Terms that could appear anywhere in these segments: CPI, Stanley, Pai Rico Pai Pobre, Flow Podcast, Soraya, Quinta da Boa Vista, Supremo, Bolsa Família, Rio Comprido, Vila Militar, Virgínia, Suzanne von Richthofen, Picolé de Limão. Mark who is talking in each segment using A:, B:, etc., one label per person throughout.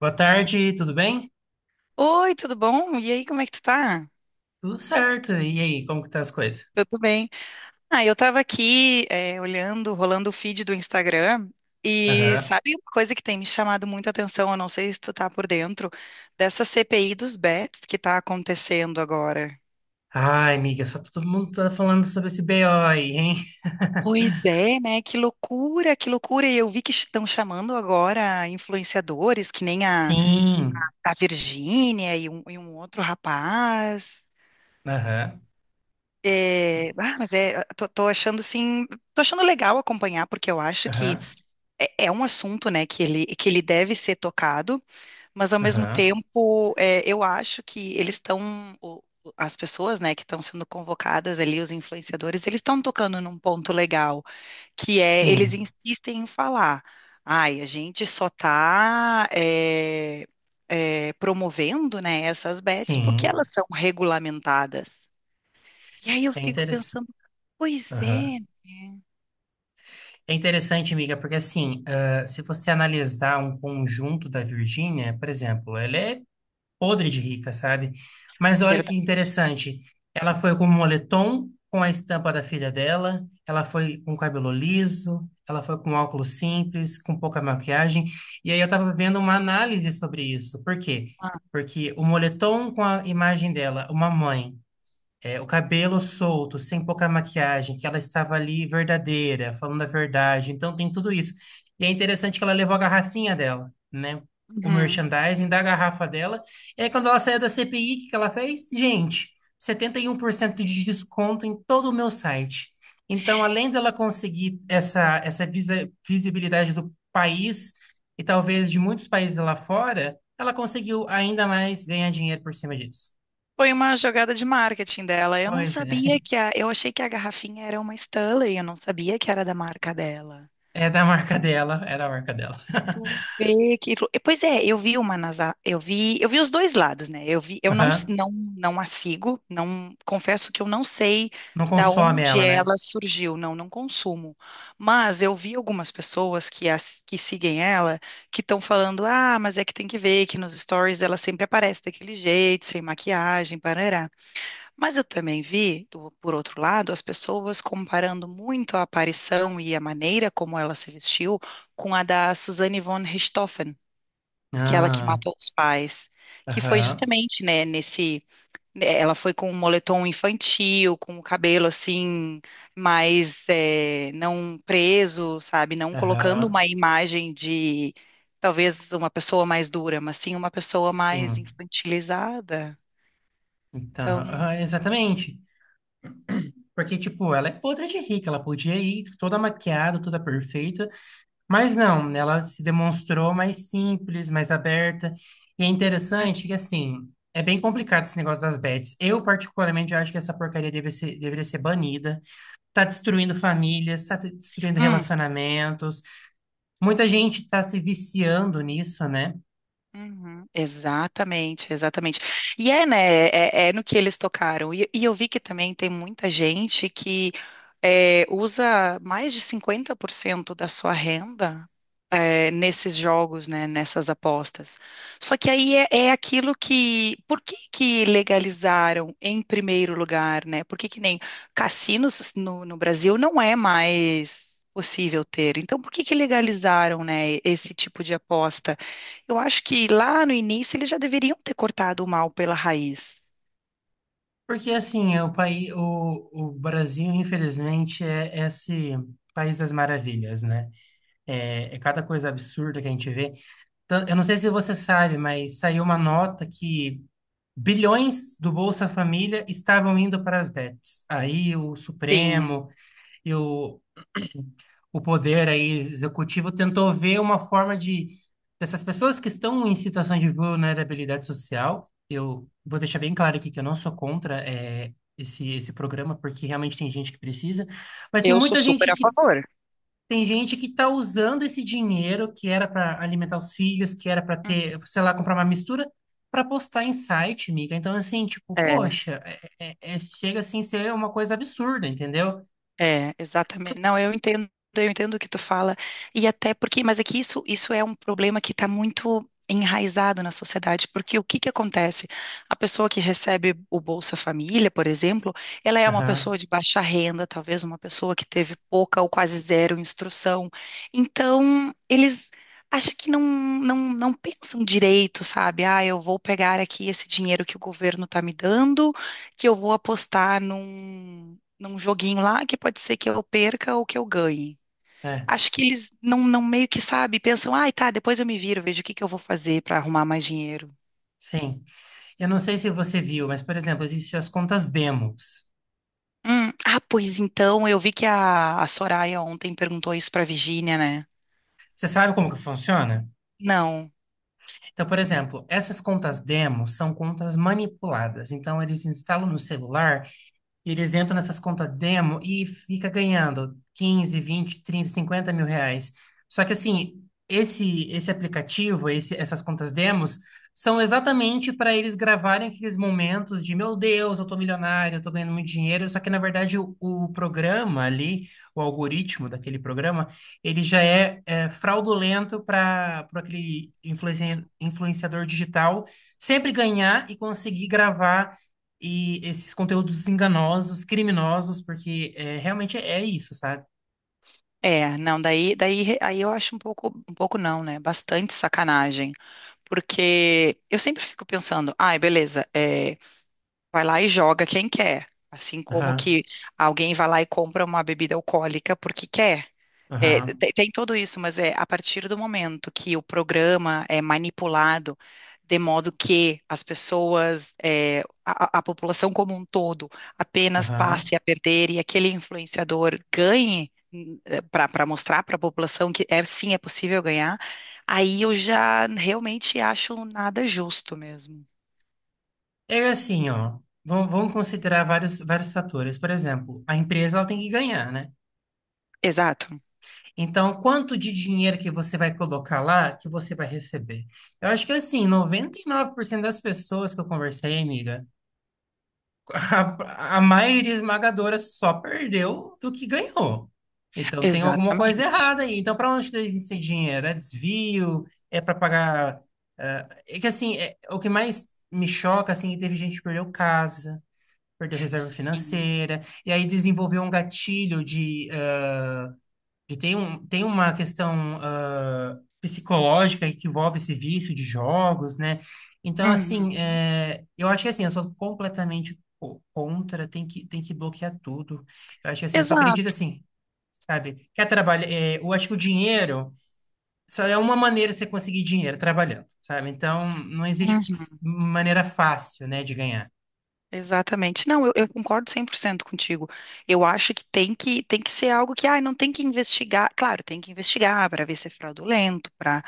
A: Boa tarde, tudo bem?
B: Oi, tudo bom? E aí, como é que tu tá?
A: Tudo certo. E aí, como que tá as coisas?
B: Eu tô bem. Ah, eu tava aqui, olhando, rolando o feed do Instagram, e
A: Aham.
B: sabe uma coisa que tem me chamado muita atenção, eu não sei se tu tá por dentro dessa CPI dos bets que tá acontecendo agora.
A: Ai, amiga, só todo mundo tá falando sobre esse BO aí, hein?
B: Pois é, né? Que loucura, que loucura. E eu vi que estão chamando agora influenciadores, que nem a,
A: Sim.
B: a Virgínia e um outro rapaz.
A: Aham.
B: Ah, mas tô achando assim, tô achando legal acompanhar, porque eu acho que
A: Aham.
B: é um assunto, né, que ele deve ser tocado, mas ao mesmo
A: Aham.
B: tempo, eu acho que eles estão, as pessoas, né, que estão sendo convocadas ali, os influenciadores, eles estão tocando num ponto legal, que é eles
A: Sim.
B: insistem em falar, ai, a gente só está promovendo, né, essas bets porque
A: Sim.
B: elas são regulamentadas. E aí eu
A: É
B: fico
A: interessante.
B: pensando, pois
A: Aham.
B: é,
A: É interessante, amiga, porque assim, se você analisar um conjunto da Virgínia, por exemplo, ela é podre de rica, sabe? Mas olha que
B: verdade.
A: interessante. Ela foi com um moletom com a estampa da filha dela, ela foi com cabelo liso, ela foi com óculos simples, com pouca maquiagem. E aí eu tava vendo uma análise sobre isso. Por quê? Porque o moletom com a imagem dela, uma mãe o cabelo solto, sem pouca maquiagem, que ela estava ali verdadeira, falando a verdade. Então tem tudo isso. E é interessante que ela levou a garrafinha dela, né? O
B: Uhum.
A: merchandising da garrafa dela. E aí, quando ela saiu da CPI, o que que ela fez? Gente, 71% de desconto em todo o meu site. Então, além dela conseguir essa, essa visibilidade do país e talvez de muitos países lá fora, ela conseguiu ainda mais ganhar dinheiro por cima disso.
B: Foi uma jogada de marketing dela. Eu não
A: Pois é.
B: sabia que a. Eu achei que a garrafinha era uma Stanley, eu não sabia que era da marca dela.
A: É da marca dela, é da marca dela.
B: Tu vê que. Lou- Pois é, eu vi uma nas. A- eu vi os dois lados, né? Eu vi, eu não, s-
A: Aham.
B: não, não a sigo, não confesso que eu não sei
A: Não
B: da
A: consome
B: onde
A: ela, né?
B: ela surgiu, não, não consumo. Mas eu vi algumas pessoas que, as, que seguem ela que estão falando, ah, mas é que tem que ver que nos stories ela sempre aparece daquele jeito, sem maquiagem, parará. Mas eu também vi, por outro lado, as pessoas comparando muito a aparição e a maneira como ela se vestiu com a da Suzanne von Richthofen, aquela que
A: Ah,
B: matou os pais, que foi
A: aham,
B: justamente, né, nesse, né, ela foi com um moletom infantil, com o cabelo assim mais não preso, sabe, não colocando
A: aham,
B: uma imagem de talvez uma pessoa mais dura, mas sim uma pessoa mais
A: sim.
B: infantilizada.
A: Então,
B: Então,
A: aham, exatamente. Porque, tipo, ela é podre de rica, ela podia ir toda maquiada, toda perfeita, mas não, ela se demonstrou mais simples, mais aberta. E é interessante que, assim, é bem complicado esse negócio das bets. Eu, particularmente, acho que essa porcaria deveria ser banida. Tá destruindo famílias, tá destruindo
B: hum,
A: relacionamentos. Muita gente está se viciando nisso, né?
B: uhum, exatamente, exatamente. E é, né? É no que eles tocaram. E eu vi que também tem muita gente que usa mais de 50% da sua renda, nesses jogos, né? Nessas apostas. Só que aí é aquilo que. Por que que legalizaram em primeiro lugar, né? Por que que nem cassinos no Brasil não é mais possível ter. Então, por que que legalizaram, né, esse tipo de aposta? Eu acho que lá no início eles já deveriam ter cortado o mal pela raiz.
A: Porque assim, o país, o Brasil, infelizmente, é esse país das maravilhas, né? É, é cada coisa absurda que a gente vê. Eu não sei se você sabe, mas saiu uma nota que bilhões do Bolsa Família estavam indo para as bets. Aí o
B: Sim,
A: Supremo e o poder aí executivo tentou ver uma forma de dessas pessoas que estão em situação de vulnerabilidade social. Eu vou deixar bem claro aqui que eu não sou contra esse programa porque realmente tem gente que precisa, mas tem
B: eu sou
A: muita gente
B: super a
A: que
B: favor.
A: tem gente que está usando esse dinheiro que era para alimentar os filhos, que era para
B: Hum.
A: ter, sei lá, comprar uma mistura para postar em site, miga. Então assim, tipo,
B: É.
A: poxa, chega assim a ser uma coisa absurda, entendeu?
B: É, exatamente. Não, eu entendo o que tu fala. E até porque, mas é que isso é um problema que está muito enraizado na sociedade, porque o que que acontece? A pessoa que recebe o Bolsa Família, por exemplo, ela é uma
A: Aham,
B: pessoa de baixa renda, talvez uma pessoa que teve pouca ou quase zero instrução. Então, eles acham que não pensam direito, sabe? Ah, eu vou pegar aqui esse dinheiro que o governo está me dando, que eu vou apostar num joguinho lá que pode ser que eu perca ou que eu ganhe.
A: é,
B: Acho que eles não meio que sabe, pensam, ai, tá, depois eu me viro, vejo o que que eu vou fazer para arrumar mais dinheiro.
A: sim. Eu não sei se você viu, mas, por exemplo, existem as contas demos.
B: Ah, pois então, eu vi que a Soraya ontem perguntou isso pra Virginia, né?
A: Você sabe como que funciona?
B: Não.
A: Então, por exemplo, essas contas demos são contas manipuladas. Então, eles instalam no celular e eles entram nessas contas demo e fica ganhando 15, 20, 30, 50.000 reais. Só que assim, esse aplicativo, esse, essas contas demos, são exatamente para eles gravarem aqueles momentos de meu Deus, eu tô milionário, eu tô ganhando muito dinheiro. Só que na verdade o programa ali, o algoritmo daquele programa, ele já é fraudulento para aquele
B: Hum.
A: influenciador digital sempre ganhar e conseguir gravar e esses conteúdos enganosos, criminosos, porque é, realmente é isso, sabe?
B: É, não, aí eu acho um pouco não, né? Bastante sacanagem. Porque eu sempre fico pensando, ai, beleza, é, vai lá e joga quem quer. Assim como
A: Aham,
B: que alguém vai lá e compra uma bebida alcoólica porque quer. É,
A: aham,
B: tem tudo isso, mas é a partir do momento que o programa é manipulado de modo que as pessoas, a população como um todo, apenas
A: aham.
B: passe a perder e aquele influenciador ganhe para mostrar para a população que é sim é possível ganhar, aí eu já realmente acho nada justo mesmo.
A: É assim, ó. Vamos, vamos considerar vários, vários fatores. Por exemplo, a empresa ela tem que ganhar, né?
B: Exato.
A: Então, quanto de dinheiro que você vai colocar lá que você vai receber? Eu acho que assim, 99% das pessoas que eu conversei, amiga, a maioria esmagadora só perdeu do que ganhou. Então tem alguma coisa
B: Exatamente.
A: errada aí. Então, para onde tem esse dinheiro? É desvio? É para pagar. É que assim, o que mais me choca assim, é que teve gente que perdeu casa, perdeu reserva
B: Sim.
A: financeira, e aí desenvolveu um gatilho de e tem, um, tem uma questão psicológica que envolve esse vício de jogos, né? Então,
B: Uhum.
A: assim, é, eu acho que assim, eu sou completamente contra, tem que bloquear tudo. Eu acho que assim, eu só acredito
B: Exato.
A: assim, sabe? Quer trabalhar, é, eu acho que o dinheiro só é uma maneira de você conseguir dinheiro trabalhando, sabe? Então, não existe maneira fácil, né, de ganhar.
B: Exatamente. Não, eu concordo 100% contigo. Eu acho que tem que ser algo que, ah, não tem que investigar. Claro, tem que investigar para ver se é fraudulento, para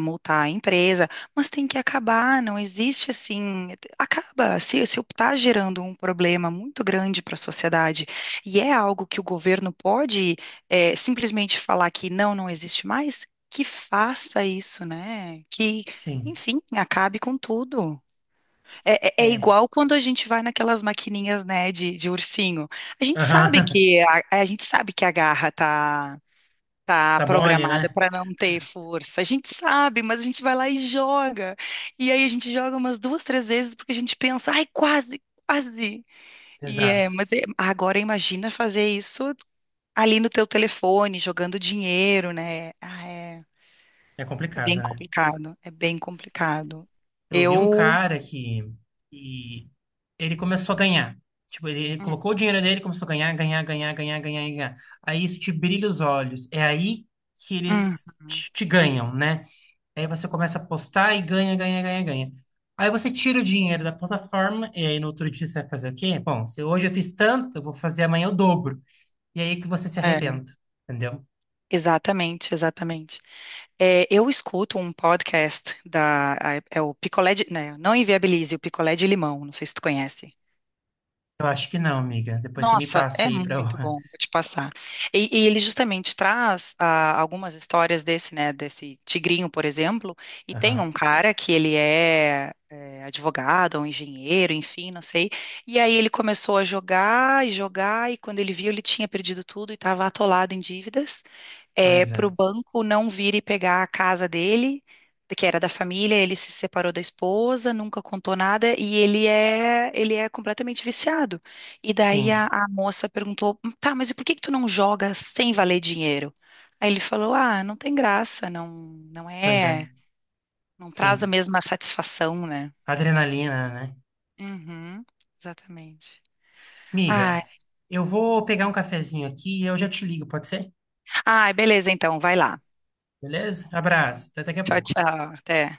B: multar a empresa, mas tem que acabar. Não existe assim, acaba. Se está gerando um problema muito grande para a sociedade e é algo que o governo pode simplesmente falar que não, não existe mais, que faça isso, né? Que,
A: Sim,
B: enfim, acabe com tudo. É, é
A: é.
B: igual quando a gente vai naquelas maquininhas, né, de ursinho. A gente sabe
A: Aham.
B: que a garra tá
A: Tá mole,
B: programada
A: né?
B: para não ter força. A gente sabe, mas a gente vai lá e joga. E aí a gente joga umas duas, três vezes porque a gente pensa, ai, quase, quase. E é,
A: Exato.
B: mas agora imagina fazer isso ali no teu telefone, jogando dinheiro, né? Ah,
A: É
B: é bem
A: complicado, né?
B: complicado. É bem complicado.
A: Eu vi um
B: Eu
A: cara que e ele começou a ganhar. Tipo, ele
B: Hum,
A: colocou o dinheiro dele, e começou a ganhar, ganhar, ganhar, ganhar, ganhar, ganhar. Aí isso te brilha os olhos. É aí que
B: hum,
A: eles
B: hum.
A: te, te ganham, né? Aí você começa a apostar e ganha, ganha, ganha, ganha. Aí você tira o dinheiro da plataforma e aí no outro dia você vai fazer o quê? Bom, se hoje eu fiz tanto, eu vou fazer amanhã o dobro. E aí que você se
B: É.
A: arrebenta, entendeu?
B: Exatamente, exatamente. É, eu escuto um podcast é o Picolé de, né, não Inviabilize, o Picolé de Limão, não sei se tu conhece.
A: Eu acho que não, amiga. Depois você me
B: Nossa,
A: passa
B: é
A: aí pra eu...
B: muito bom, vou te passar. E ele justamente traz ah, algumas histórias desse, né, desse tigrinho, por exemplo, e tem
A: Aham,
B: um cara que ele é advogado, um engenheiro, enfim, não sei, e aí ele começou a jogar e jogar, e quando ele viu, ele tinha perdido tudo e estava atolado em dívidas, é,
A: pois
B: para
A: é.
B: o banco não vir e pegar a casa dele, que era da família, ele se separou da esposa, nunca contou nada, e ele é completamente viciado. E daí a,
A: Sim,
B: a moça perguntou: tá, mas e por que que tu não joga sem valer dinheiro? Aí ele falou: ah, não tem graça, não, não
A: pois é.
B: é, não traz a
A: Sim.
B: mesma satisfação, né?
A: Adrenalina, né?
B: Uhum, exatamente.
A: Miga,
B: Ai,
A: eu vou pegar um cafezinho aqui e eu já te ligo, pode ser?
B: ai, beleza, então, vai lá.
A: Beleza? Abraço, até daqui a
B: Tchau,
A: pouco.
B: tchau, até.